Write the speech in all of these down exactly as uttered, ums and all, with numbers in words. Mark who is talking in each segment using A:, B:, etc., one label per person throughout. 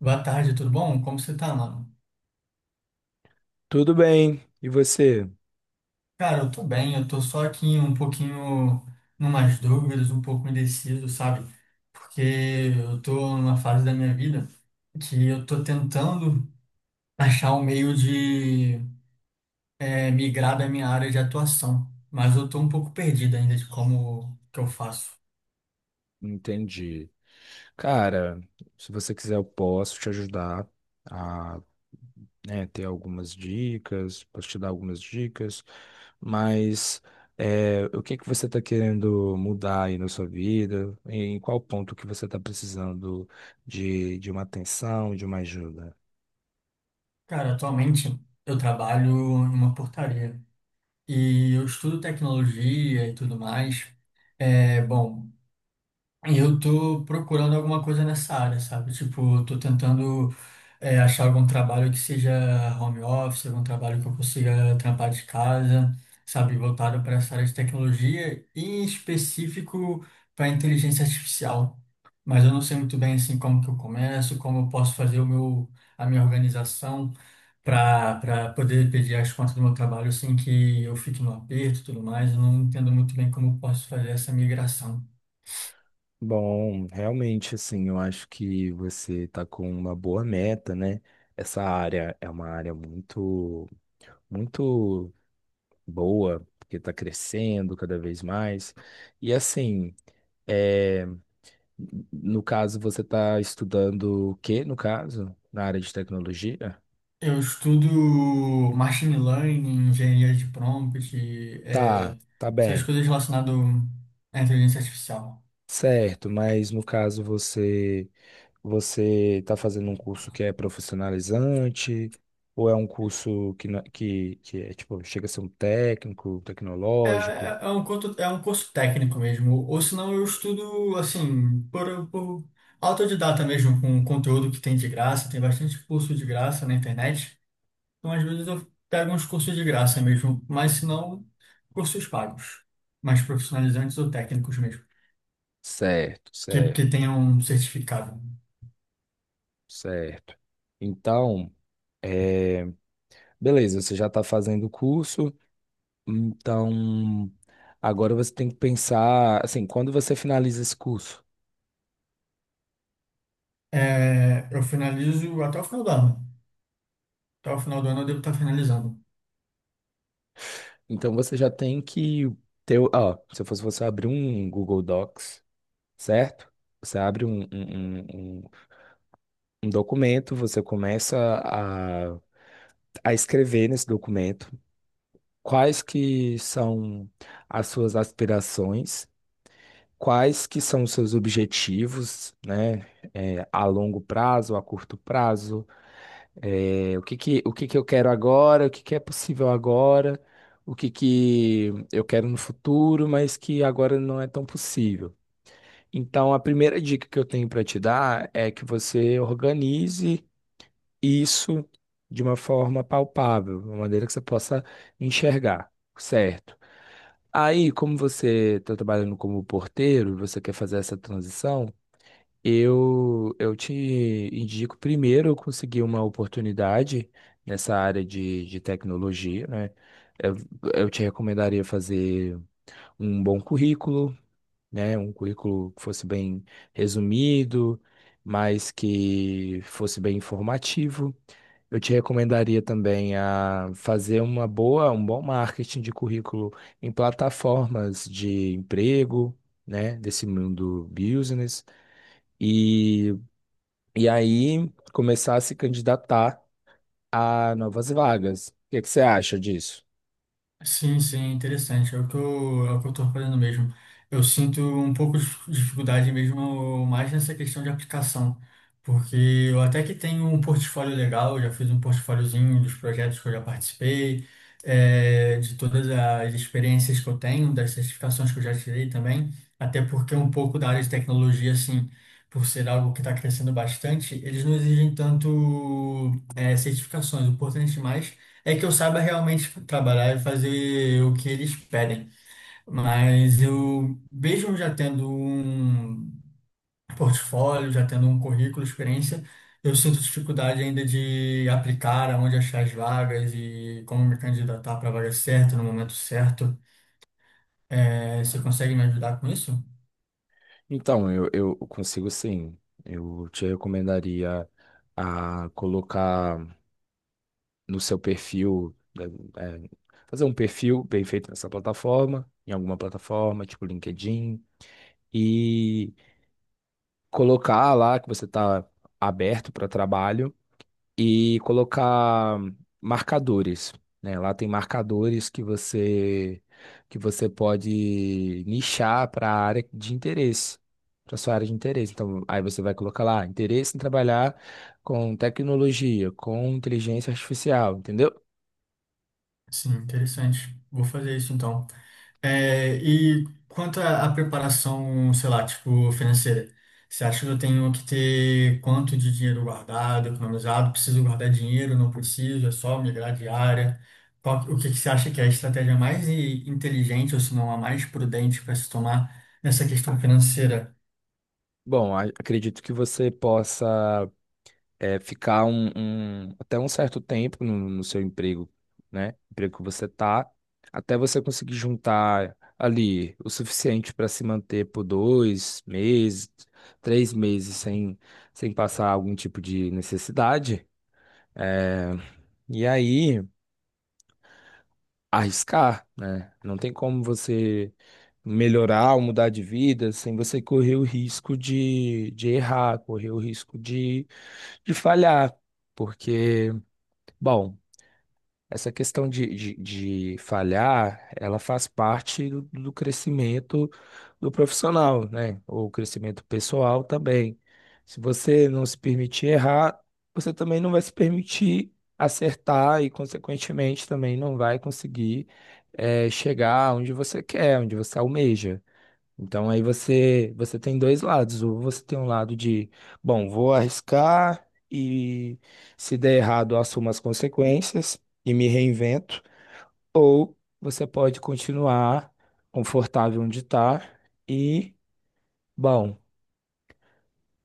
A: Boa tarde, tudo bom? Como você tá, mano?
B: Tudo bem, e você?
A: Cara, eu tô bem, eu tô só aqui um pouquinho numas dúvidas, um pouco indeciso, sabe? Porque eu tô numa fase da minha vida que eu tô tentando achar um meio de é, migrar da minha área de atuação, mas eu tô um pouco perdido ainda de como que eu faço.
B: Entendi. Cara, se você quiser, eu posso te ajudar a, né, ter algumas dicas, posso te dar algumas dicas, mas é, o que que você está querendo mudar aí na sua vida? Em qual ponto que você está precisando de, de uma atenção, de uma ajuda?
A: Cara, atualmente eu trabalho em uma portaria e eu estudo tecnologia e tudo mais. É, bom. E eu tô procurando alguma coisa nessa área, sabe? Tipo, eu tô tentando é, achar algum trabalho que seja home office, algum trabalho que eu consiga trampar de casa, sabe? Voltado para essa área de tecnologia e em específico para inteligência artificial. Mas eu não sei muito bem assim como que eu começo, como eu posso fazer o meu, a minha organização para para poder pedir as contas do meu trabalho sem que eu fique no aperto e tudo mais. Eu não entendo muito bem como eu posso fazer essa migração.
B: Bom, realmente, assim, eu acho que você está com uma boa meta, né? Essa área é uma área muito, muito boa, porque está crescendo cada vez mais. E assim, é, no caso, você está estudando o quê, no caso? Na área de tecnologia?
A: Eu estudo machine learning, engenharia de prompt,
B: Tá,
A: é,
B: tá
A: essas
B: bem.
A: coisas relacionadas à inteligência artificial.
B: Certo, mas no caso você você está fazendo um curso que é profissionalizante ou é um curso que, na- que, que é tipo, chega a ser um técnico,
A: É,
B: tecnológico?
A: é, é um curso, é um curso técnico mesmo, ou senão eu estudo assim, por, por autodidata mesmo, com conteúdo que tem de graça, tem bastante curso de graça na internet. Então, às vezes eu pego uns cursos de graça mesmo, mas se não, cursos pagos, mais profissionalizantes ou técnicos mesmo,
B: Certo,
A: que, que
B: certo,
A: tenham um certificado.
B: certo. Então, beleza, você já está fazendo o curso, então agora você tem que pensar, assim, quando você finaliza esse curso,
A: É, eu finalizo até o final do ano. Até o final do ano eu devo estar finalizando.
B: então você já tem que ter, o- ó, se eu fosse você abrir um Google Docs, certo? Você abre um, um, um, um um documento, você começa a, a escrever nesse documento quais que são as suas aspirações, quais que são os seus objetivos, né? É, a longo prazo, a curto prazo. É, o que que, o que que eu quero agora, o que que é possível agora, o que que eu quero no futuro, mas que agora não é tão possível. Então, a primeira dica que eu tenho para te dar é que você organize isso de uma forma palpável, de uma maneira que você possa enxergar, certo? Aí, como você está trabalhando como porteiro, você quer fazer essa transição, eu, eu te indico primeiro eu conseguir uma oportunidade nessa área de, de tecnologia, né? Eu, eu te recomendaria fazer um bom currículo, né? Um currículo que fosse bem resumido, mas que fosse bem informativo. Eu te recomendaria também a fazer uma boa, um bom marketing de currículo em plataformas de emprego, né? Desse mundo business. E e aí começar a se candidatar a novas vagas. O que é que você acha disso?
A: Sim, sim, é interessante. É o que eu, é o que eu tô fazendo mesmo. Eu sinto um pouco de dificuldade mesmo, mais nessa questão de aplicação, porque eu até que tenho um portfólio legal, eu já fiz um portfóliozinho dos projetos que eu já participei, é, de todas as experiências que eu tenho, das certificações que eu já tirei também, até porque um pouco da área de tecnologia, assim, por ser algo que está crescendo bastante, eles não exigem tanto, é, certificações, o importante mais é que eu saiba realmente trabalhar e fazer o que eles pedem. Mas eu, mesmo já tendo um portfólio, já tendo um currículo, experiência, eu sinto dificuldade ainda de aplicar aonde achar as vagas e como me candidatar para a vaga certa, no momento certo. É, você consegue me ajudar com isso?
B: Então, eu, eu consigo sim. Eu te recomendaria a colocar no seu perfil, eh, eh, fazer um perfil bem feito nessa plataforma, em alguma plataforma, tipo LinkedIn, e colocar lá que você está aberto para trabalho e colocar marcadores, né? Lá tem marcadores que você que você pode nichar para a área de interesse, para sua área de interesse. Então, aí você vai colocar lá interesse em trabalhar com tecnologia, com inteligência artificial, entendeu?
A: Sim, interessante. Vou fazer isso então. É, e quanto à à preparação, sei lá, tipo, financeira, você acha que eu tenho que ter quanto de dinheiro guardado, economizado? Preciso guardar dinheiro? Não preciso? É só migrar de área? Qual, o que que você acha que é a estratégia mais i- inteligente, ou se não a mais prudente para se tomar nessa questão financeira?
B: Bom, a- acredito que você possa é, ficar um, um- até um certo tempo no, no seu emprego, né? Emprego que você tá, até você conseguir juntar ali o suficiente para se manter por dois meses, três meses sem, sem passar algum tipo de necessidade. É, e aí, arriscar, né? Não tem como você melhorar ou mudar de vida sem você correr o risco de, de errar, correr o risco de, de falhar, porque bom, essa questão de, de, de falhar, ela faz parte do, do crescimento do profissional, né? O crescimento pessoal também. Se você não se permitir errar, você também não vai se permitir acertar e, consequentemente, também não vai conseguir, eh, chegar onde você quer, onde você almeja. Então aí você você tem dois lados. Ou você tem um lado de, bom, vou arriscar e se der errado, eu assumo as consequências e me reinvento. Ou você pode continuar confortável onde está e, bom,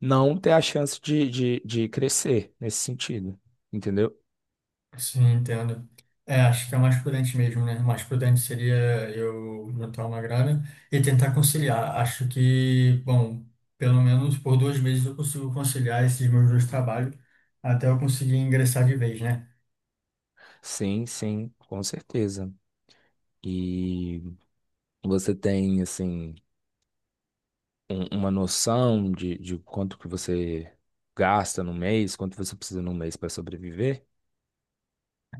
B: não ter a chance de, de, de crescer nesse sentido. Entendeu?
A: Sim, entendo. É, acho que é o mais prudente mesmo, né? O mais prudente seria eu juntar uma grana e tentar conciliar. Acho que, bom, pelo menos por dois meses eu consigo conciliar esses meus dois trabalhos até eu conseguir ingressar de vez, né?
B: Sim, sim, com certeza. E você tem, assim, um- uma noção de, de quanto que você gasta no mês, quanto você precisa no mês para sobreviver?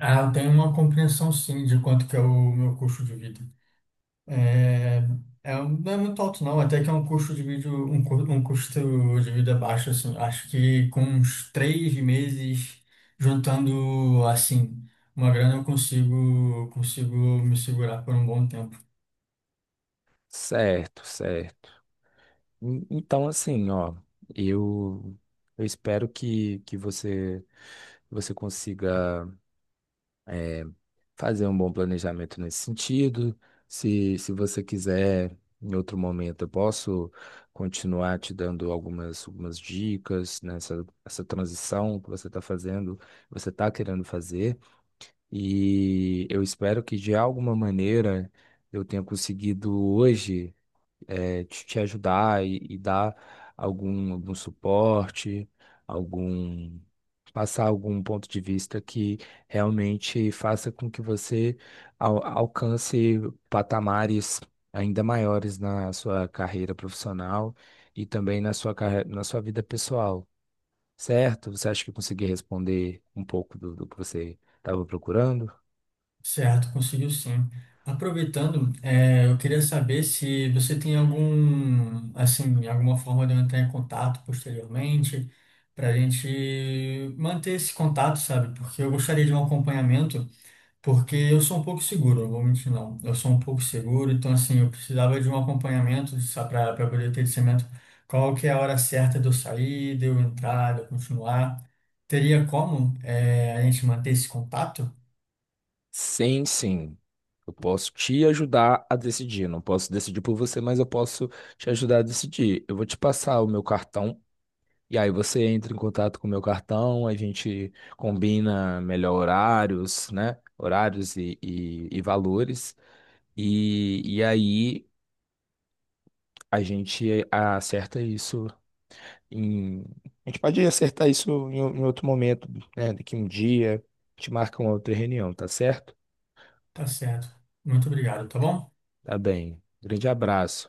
A: Ah, eu tenho uma compreensão, sim, de quanto que é o meu custo de vida. É, é, um- não é muito alto, não. Até que é um custo de vídeo, um, cu- um custo de vida baixo, assim. Acho que com uns três meses juntando, assim, uma grana eu consigo, consigo me segurar por um bom tempo.
B: Certo, certo. En- Então, assim, ó, eu, eu espero que, que você, você consiga é, fazer um bom planejamento nesse sentido. Se, se você quiser, em outro momento, eu posso continuar te dando algumas, algumas dicas nessa essa transição que você está fazendo, que você está querendo fazer. E eu espero que de alguma maneira eu tenha conseguido hoje eh, te, te ajudar e, e dar algum, algum suporte, algum passar algum ponto de vista que realmente faça com que você al- alcance patamares ainda maiores na sua carreira profissional e também na sua, carre- na sua vida pessoal, certo? Você acha que eu consegui responder um pouco do do que você estava procurando?
A: Certo, conseguiu sim. Aproveitando, é, eu queria saber se você tem algum, assim, alguma forma de eu entrar em contato posteriormente, para a gente manter esse contato, sabe? Porque eu gostaria de um acompanhamento. Porque eu sou um pouco seguro, eu vou mentir não. Eu sou um pouco seguro, então assim, eu precisava de um acompanhamento para poder ter discernimento qual que é a hora certa de eu sair, de eu entrar, de eu continuar. Teria como eh, a gente manter esse contato?
B: Sim, sim. Eu posso te ajudar a decidir. Não posso decidir por você, mas eu posso te ajudar a decidir. Eu vou te passar o meu cartão e aí você entra em contato com o meu cartão, a gente combina melhor horários, né? Horários e, e, e valores. E, e aí a gente acerta isso em. A gente pode acertar isso em, em outro momento, né? Daqui um dia, a gente marca uma outra reunião, tá certo?
A: Tá certo. Muito obrigado, tá bom?
B: Tá bem. Grande abraço.